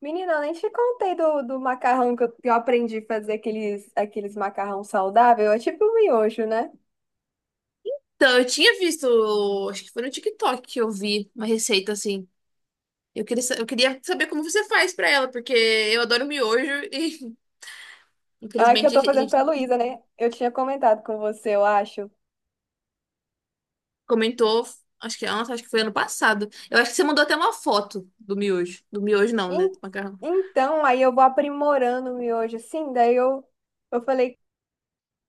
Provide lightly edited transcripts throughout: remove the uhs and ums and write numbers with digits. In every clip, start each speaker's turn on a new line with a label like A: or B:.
A: Menina, eu nem te contei do macarrão que eu aprendi a fazer aqueles macarrão saudável. É tipo um miojo, né?
B: Então, eu tinha visto, acho que foi no TikTok que eu vi uma receita assim. Eu queria saber como você faz pra ela, porque eu adoro miojo e
A: Ah, que eu
B: infelizmente a
A: tô fazendo
B: gente
A: pra Luísa, né? Eu tinha comentado com você, eu acho.
B: comentou, nossa, acho que foi ano passado. Eu acho que você mandou até uma foto do miojo. Do miojo não, né?
A: En-
B: Do macarrão.
A: Então, aí eu vou aprimorando o miojo, assim. Daí eu falei,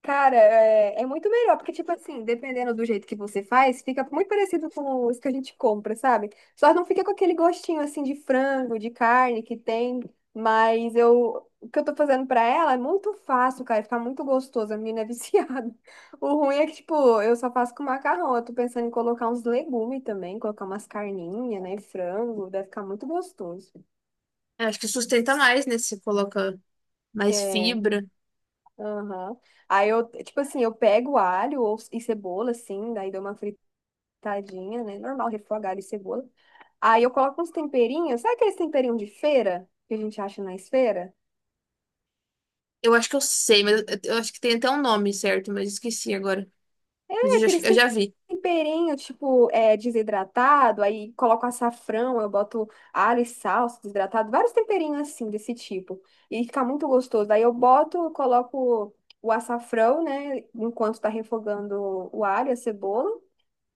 A: cara, é muito melhor, porque, tipo assim, dependendo do jeito que você faz, fica muito parecido com os que a gente compra, sabe? Só não fica com aquele gostinho, assim, de frango, de carne que tem, mas eu, o que eu tô fazendo pra ela é muito fácil, cara, fica muito gostoso, a menina é viciada. O ruim é que, tipo, eu só faço com macarrão, eu tô pensando em colocar uns legumes também, colocar umas carninhas, né, frango, deve ficar muito gostoso.
B: Eu acho que sustenta mais, né? Se você coloca mais
A: É,
B: fibra.
A: aham. Aí eu, tipo assim, eu pego alho ou, e cebola, assim, daí dou uma. Tadinha, né? Normal, refogar alho e cebola. Aí eu coloco uns temperinhos. Sabe aqueles temperinhos de feira que a gente acha na feira?
B: Eu acho que eu sei, mas eu acho que tem até um nome certo, mas esqueci agora. Mas
A: É
B: eu já,
A: aqueles
B: eu
A: tem-
B: já vi.
A: temperinhos, tipo, desidratado. Aí coloco açafrão, eu boto alho e salsa desidratado. Vários temperinhos assim, desse tipo. E fica muito gostoso. Aí eu boto, coloco o açafrão, né? Enquanto tá refogando o alho, e a cebola.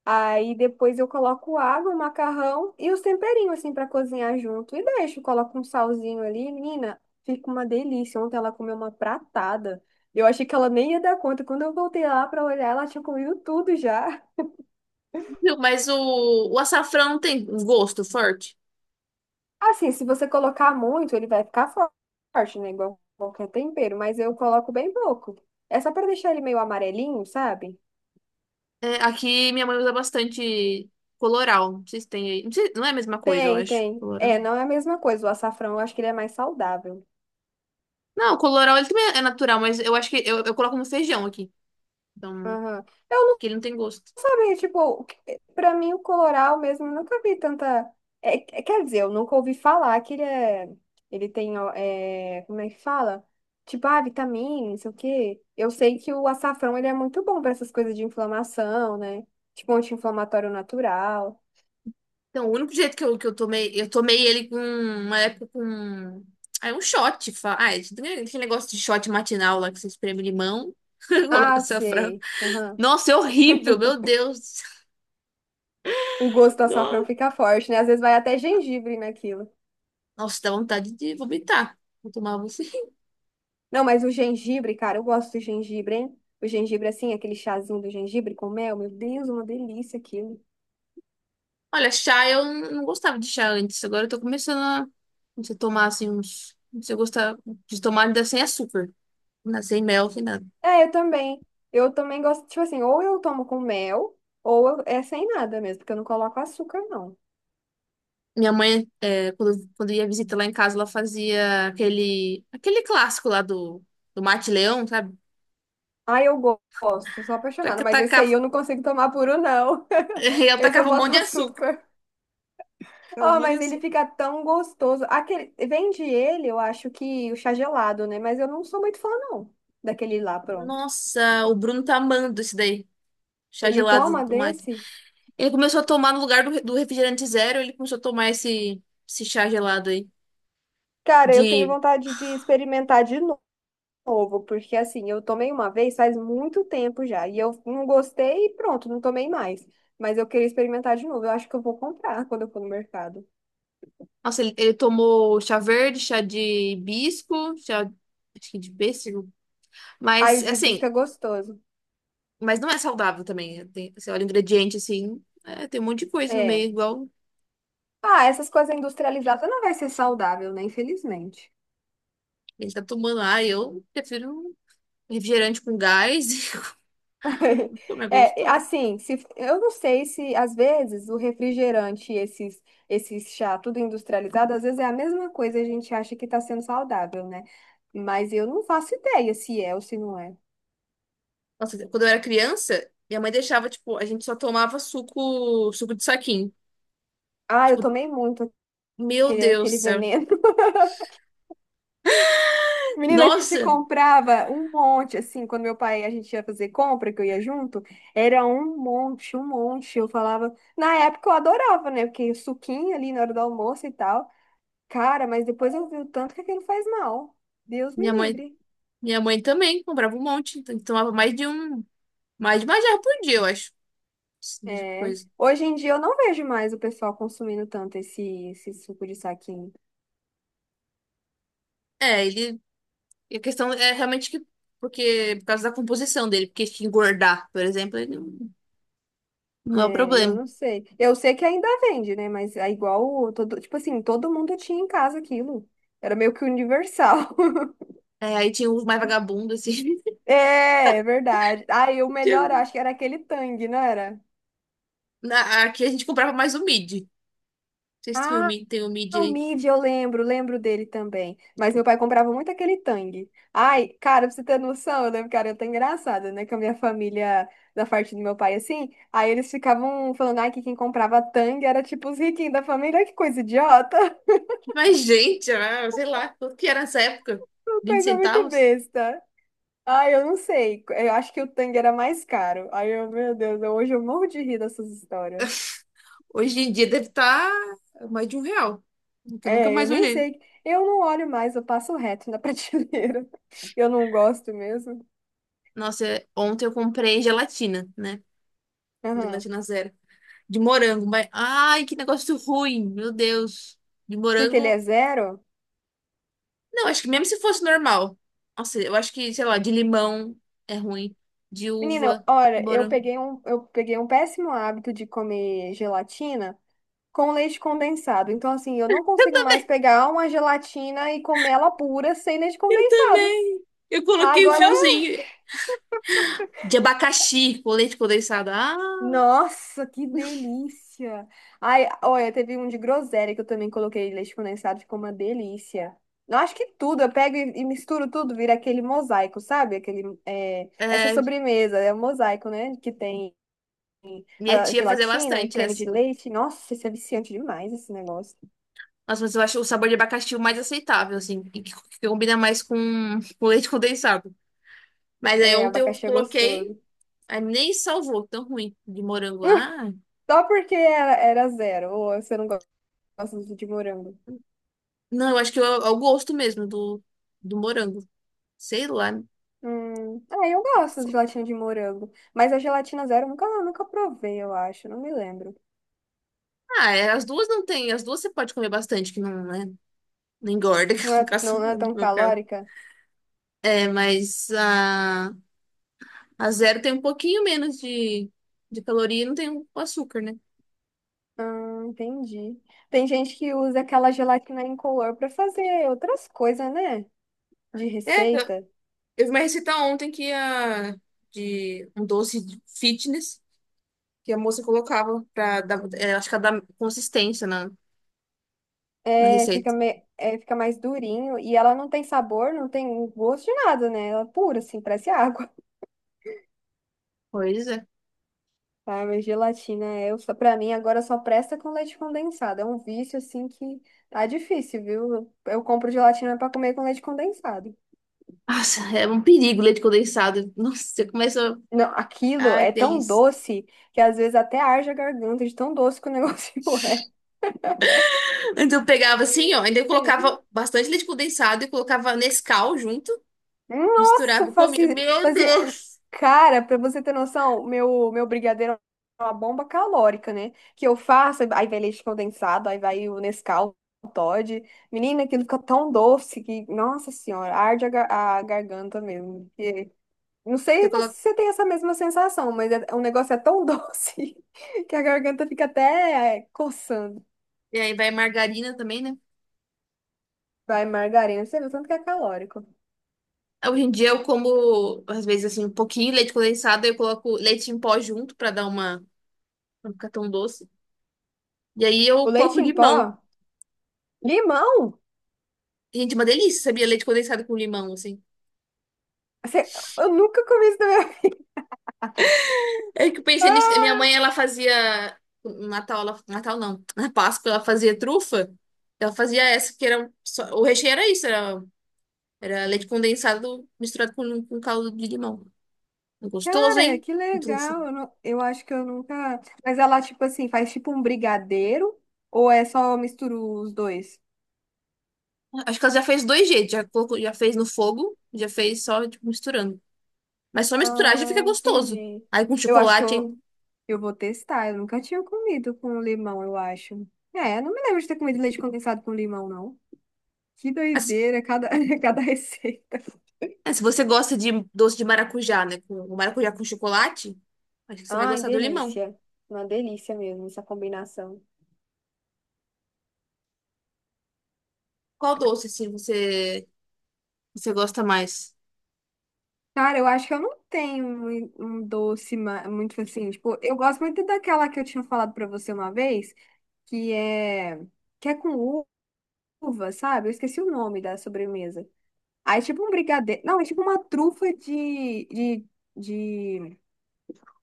A: Aí depois eu coloco água, o macarrão e os temperinhos assim para cozinhar junto. E deixo, coloco um salzinho ali, menina, fica uma delícia. Ontem ela comeu uma pratada. Eu achei que ela nem ia dar conta. Quando eu voltei lá para olhar, ela tinha comido tudo já.
B: Mas o açafrão tem um gosto forte.
A: Assim, se você colocar muito, ele vai ficar forte, né? Igual qualquer tempero, mas eu coloco bem pouco. É só para deixar ele meio amarelinho, sabe?
B: É, aqui minha mãe usa bastante coloral. Não sei se tem aí. Não é a mesma coisa, eu
A: Tem,
B: acho.
A: tem.
B: Coloral.
A: É, não é a mesma coisa. O açafrão, eu acho que ele é mais saudável.
B: Não, coloral ele também é natural, mas eu acho que eu coloco no feijão aqui. Então,
A: Aham. Eu,
B: que ele não tem gosto.
A: sabe, tipo, o pra mim o coloral mesmo, eu nunca vi tanta. Quer dizer, eu nunca ouvi falar que ele é. Ele tem, ó, é, como é que fala? Tipo, ah, vitamina, não sei o quê. Eu sei que o açafrão ele é muito bom pra essas coisas de inflamação, né? Tipo, anti-inflamatório natural.
B: Então, o único jeito que eu tomei ele com uma época com. Ah, é um shot. Ah, é, tem aquele negócio de shot matinal lá que você espreme limão, coloca
A: Ah,
B: açafrão.
A: sei. Aham.
B: Nossa, é horrível, meu Deus.
A: O gosto do açafrão fica forte, né? Às vezes vai até gengibre naquilo.
B: Nossa, dá vontade de vomitar. Vou tomar
A: Não, mas o gengibre, cara, eu gosto do gengibre, hein? O gengibre, assim, aquele chazinho do gengibre com mel, meu Deus, uma delícia aquilo.
B: Olha, chá eu não gostava de chá antes. Agora eu tô começando a se tomar assim uns. Se eu gostar de tomar ainda sem açúcar, sem mel, sem nada.
A: É, eu também. Eu também gosto, tipo assim, ou eu tomo com mel, é sem nada mesmo, porque eu não coloco açúcar, não.
B: Minha mãe, quando ia visitar lá em casa, ela fazia aquele clássico lá do Mate Leão, sabe?
A: Ah, eu gosto, sou apaixonada, mas esse aí
B: Tacava,
A: eu não consigo tomar puro, não.
B: ela
A: Esse eu
B: tacava um monte
A: boto
B: de açúcar.
A: açúcar.
B: Tacava um
A: Oh,
B: monte de
A: mas ele
B: açúcar.
A: fica tão gostoso. Aquele, vende ele, eu acho que o chá gelado, né? Mas eu não sou muito fã, não, daquele lá, pronto.
B: Nossa, o Bruno tá amando esse daí. Chá
A: Ele
B: gelado
A: toma
B: do mate.
A: desse?
B: Ele começou a tomar no lugar do refrigerante zero, ele começou a tomar esse chá gelado aí.
A: Cara, eu tenho
B: De
A: vontade de experimentar de novo. Novo, porque assim, eu tomei uma vez faz muito tempo já, e eu não gostei e pronto, não tomei mais. Mas eu queria experimentar de novo, eu acho que eu vou comprar quando eu for no mercado.
B: Nossa, ele tomou chá verde, chá de hibisco, chá acho que de pêssego.
A: Aí o
B: Mas,
A: de hibisco
B: assim,
A: é gostoso.
B: mas não é saudável também. Tem, você olha o ingrediente, assim, tem um monte de coisa no
A: É.
B: meio, igual
A: Ah, essas coisas industrializadas não vai ser saudável, né? Infelizmente.
B: ele tá tomando. Ah, eu prefiro um refrigerante com gás como é
A: É,
B: gostoso.
A: assim, se, eu não sei se às vezes o refrigerante, esses, esses chá, tudo industrializado, às vezes é a mesma coisa, e a gente acha que está sendo saudável, né? Mas eu não faço ideia se é ou se não é.
B: Nossa, quando eu era criança, minha mãe deixava, tipo, a gente só tomava suco de saquinho.
A: Ah, eu
B: Tipo,
A: tomei muito,
B: meu
A: aquele,
B: Deus do
A: aquele
B: céu.
A: veneno. Menina, a gente
B: Nossa,
A: comprava um monte, assim, quando meu pai, a gente ia fazer compra, que eu ia junto, era um monte, um monte. Eu falava, na época eu adorava, né? Porque suquinho ali na hora do almoço e tal. Cara, mas depois eu vi o tanto que aquilo faz mal. Deus me
B: minha mãe,
A: livre.
B: minha mãe também comprava um monte, então tomava mais de um, mais de uma jarra por dia, eu acho. De
A: É.
B: coisa.
A: Hoje em dia eu não vejo mais o pessoal consumindo tanto esse, esse suco de saquinho.
B: É, ele. A questão é realmente que. Porque, por causa da composição dele, porque se engordar, por exemplo, ele não é o
A: É, eu
B: problema.
A: não sei. Eu sei que ainda vende, né? Mas é igual, todo, tipo assim, todo mundo tinha em casa aquilo. Era meio que universal.
B: É, aí tinha os mais vagabundos, assim.
A: É, é verdade. Aí o
B: que
A: melhor, eu
B: eu-
A: acho que era aquele Tang, não era?
B: Aqui a gente comprava mais o mid. Vocês tinham o
A: Ah,
B: mid, tem o mid
A: o
B: aí.
A: Mid, eu lembro, lembro dele também. Mas meu pai comprava muito aquele Tang. Ai, cara, pra você ter noção, eu lembro que era até engraçado, né? Com a minha família, da parte do meu pai, assim. Aí eles ficavam falando, ai, que quem comprava Tang era tipo os riquinhos da família. Ai, que coisa idiota.
B: Mas, gente, ah, sei lá, quanto que era nessa época?
A: Uma
B: vinte
A: coisa muito
B: centavos?
A: besta. Ai, eu não sei. Eu acho que o Tang era mais caro. Ai, eu, meu Deus, hoje eu morro de rir dessas histórias.
B: Hoje em dia deve estar mais de R$ 1. Que eu nunca
A: É, eu
B: mais
A: nem
B: olhei.
A: sei. Eu não olho mais, eu passo reto na prateleira. Eu não gosto mesmo.
B: Nossa, ontem eu comprei gelatina, né?
A: Aham.
B: Gelatina zero. De morango, mas. Ai, que negócio ruim, meu Deus. De
A: Porque ele é
B: morango.
A: zero?
B: Não, acho que mesmo se fosse normal. Nossa, eu acho que, sei lá, de limão é ruim. De
A: Menina,
B: uva,
A: olha,
B: morango.
A: eu peguei um péssimo hábito de comer gelatina com leite condensado. Então, assim, eu não consigo mais pegar uma gelatina e comer ela pura sem leite
B: Eu
A: condensado.
B: também. Eu coloquei um
A: Agora.
B: fiozinho de abacaxi com leite condensado. Ah,
A: Nossa, que delícia! Ai, olha, teve um de groselha que eu também coloquei leite condensado, ficou uma delícia. Eu acho que tudo, eu pego e misturo tudo, vira aquele mosaico, sabe? Aquele, é, essa
B: é,
A: sobremesa, é um mosaico, né? Que tem
B: minha
A: a
B: tia fazia
A: gelatina e
B: bastante
A: creme
B: essa.
A: de leite. Nossa, isso é viciante demais, esse negócio.
B: Nossa, mas eu acho o sabor de abacaxi o mais aceitável, assim, e que combina mais com leite condensado. Mas aí
A: É,
B: ontem eu
A: abacaxi é
B: coloquei,
A: gostoso.
B: aí nem salvou, tão ruim, de morango. Ah.
A: Só porque era, era zero, ou você não gosta de morango.
B: Não, eu acho que é o gosto mesmo do morango. Sei lá.
A: Ah, eu gosto de gelatina de morango, mas a gelatina zero eu nunca, nunca provei, eu acho, não me lembro.
B: Ah, as duas não tem. As duas você pode comer bastante, que não, né, não engorda, que
A: Não
B: no
A: é, não,
B: caso,
A: não é
B: no
A: tão
B: meu caso.
A: calórica?
B: É, mas a zero tem um pouquinho menos de caloria e não tem o açúcar, né?
A: Entendi. Tem gente que usa aquela gelatina incolor para fazer outras coisas, né? De
B: É, eu
A: receita.
B: vi uma receita ontem que de um doce de fitness que a moça colocava pra dar, acho que dar consistência na
A: É, fica,
B: receita.
A: me, é, fica mais durinho e ela não tem sabor, não tem gosto de nada, né? Ela é pura, assim, parece água.
B: Pois é.
A: Ah, mas gelatina é, pra mim agora só presta com leite condensado. É um vício assim que tá difícil, viu? Eu compro gelatina pra comer com leite condensado.
B: Nossa, é um perigo o leite condensado. Nossa, você começa.
A: Não, aquilo
B: Ah, que
A: é tão
B: delícia.
A: doce que às vezes até arde a garganta de tão doce que o negócio
B: Então eu pegava assim, ó, ainda eu colocava
A: é.
B: bastante leite condensado e colocava Nescau junto,
A: Nossa,
B: misturava comida.
A: fazia,
B: Meu
A: fazia...
B: Deus!
A: Cara, pra você ter noção, meu brigadeiro é uma bomba calórica, né? Que eu faço, aí vai leite condensado, aí vai o Nescau, o Toddy. Menina, aquilo fica tão doce que, nossa senhora, arde a, a garganta mesmo. E não sei
B: Você
A: se
B: coloca...
A: você tem essa mesma sensação, mas o negócio é tão doce que a garganta fica até coçando.
B: E aí vai margarina também, né?
A: Vai, margarina, você vê o tanto que é calórico.
B: Hoje em dia eu como, às vezes, assim, um pouquinho de leite condensado, eu coloco leite em pó junto pra dar uma. Pra não ficar tão doce. E aí
A: O
B: eu coloco
A: leite em
B: limão.
A: pó, limão,
B: Gente, uma delícia, sabia? Leite condensado com limão, assim.
A: você, eu nunca comi isso também.
B: É que eu pensei nisso. Que minha
A: Ah,
B: mãe, ela fazia. No Natal, ela. Natal não. Na Páscoa, ela fazia trufa. Ela fazia essa, que era. O recheio era isso, era leite condensado misturado com caldo de limão. Gostoso,
A: cara,
B: hein?
A: que
B: Com trufa.
A: legal. Eu, eu acho que eu nunca. Mas ela, tipo assim, faz tipo um brigadeiro? Ou é só mistura os dois?
B: Acho que ela já fez dois jeitos. Já fez no fogo, já fez só, tipo, misturando. Mas só misturar já fica
A: Ah,
B: gostoso.
A: entendi.
B: Aí com
A: Eu acho que
B: chocolate, hein?
A: eu vou testar. Eu nunca tinha comido com limão, eu acho. É, não me lembro de ter comido leite condensado com limão, não. Que
B: Assim,
A: doideira, cada, cada receita.
B: se você gosta de doce de maracujá, né? O maracujá com chocolate, acho que você vai
A: Ai,
B: gostar do limão.
A: delícia. Uma delícia mesmo essa combinação.
B: Qual doce, assim, você gosta mais?
A: Cara, eu acho que eu não tenho um doce muito assim, tipo, eu gosto muito daquela que eu tinha falado pra você uma vez, que é que é com uva, sabe? Eu esqueci o nome da sobremesa. Aí é tipo um brigadeiro, não, é tipo uma trufa de,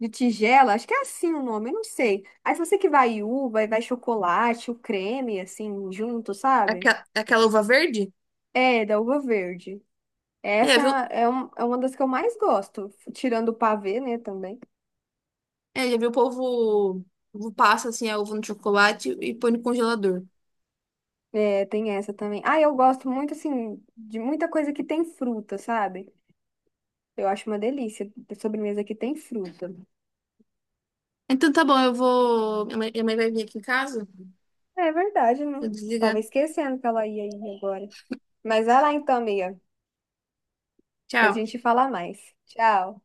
A: de tigela, acho que é assim o nome, eu não sei. Aí se você que vai uva, aí vai chocolate, o creme assim junto, sabe?
B: Aquela uva verde?
A: É, da uva verde.
B: É, viu?
A: Essa é uma das que eu mais gosto, tirando o pavê, né, também.
B: É, já viu o povo, passa, assim, a uva no chocolate e põe no congelador.
A: É, tem essa também. Ah, eu gosto muito, assim, de muita coisa que tem fruta, sabe? Eu acho uma delícia ter sobremesa que tem fruta.
B: Então tá bom, eu vou. Minha mãe vai vir aqui em casa.
A: É verdade, né?
B: Vou desligar.
A: Tava esquecendo que ela ia aí agora. Mas vai lá então, amiga. Depois a
B: Tchau.
A: gente fala mais. Tchau.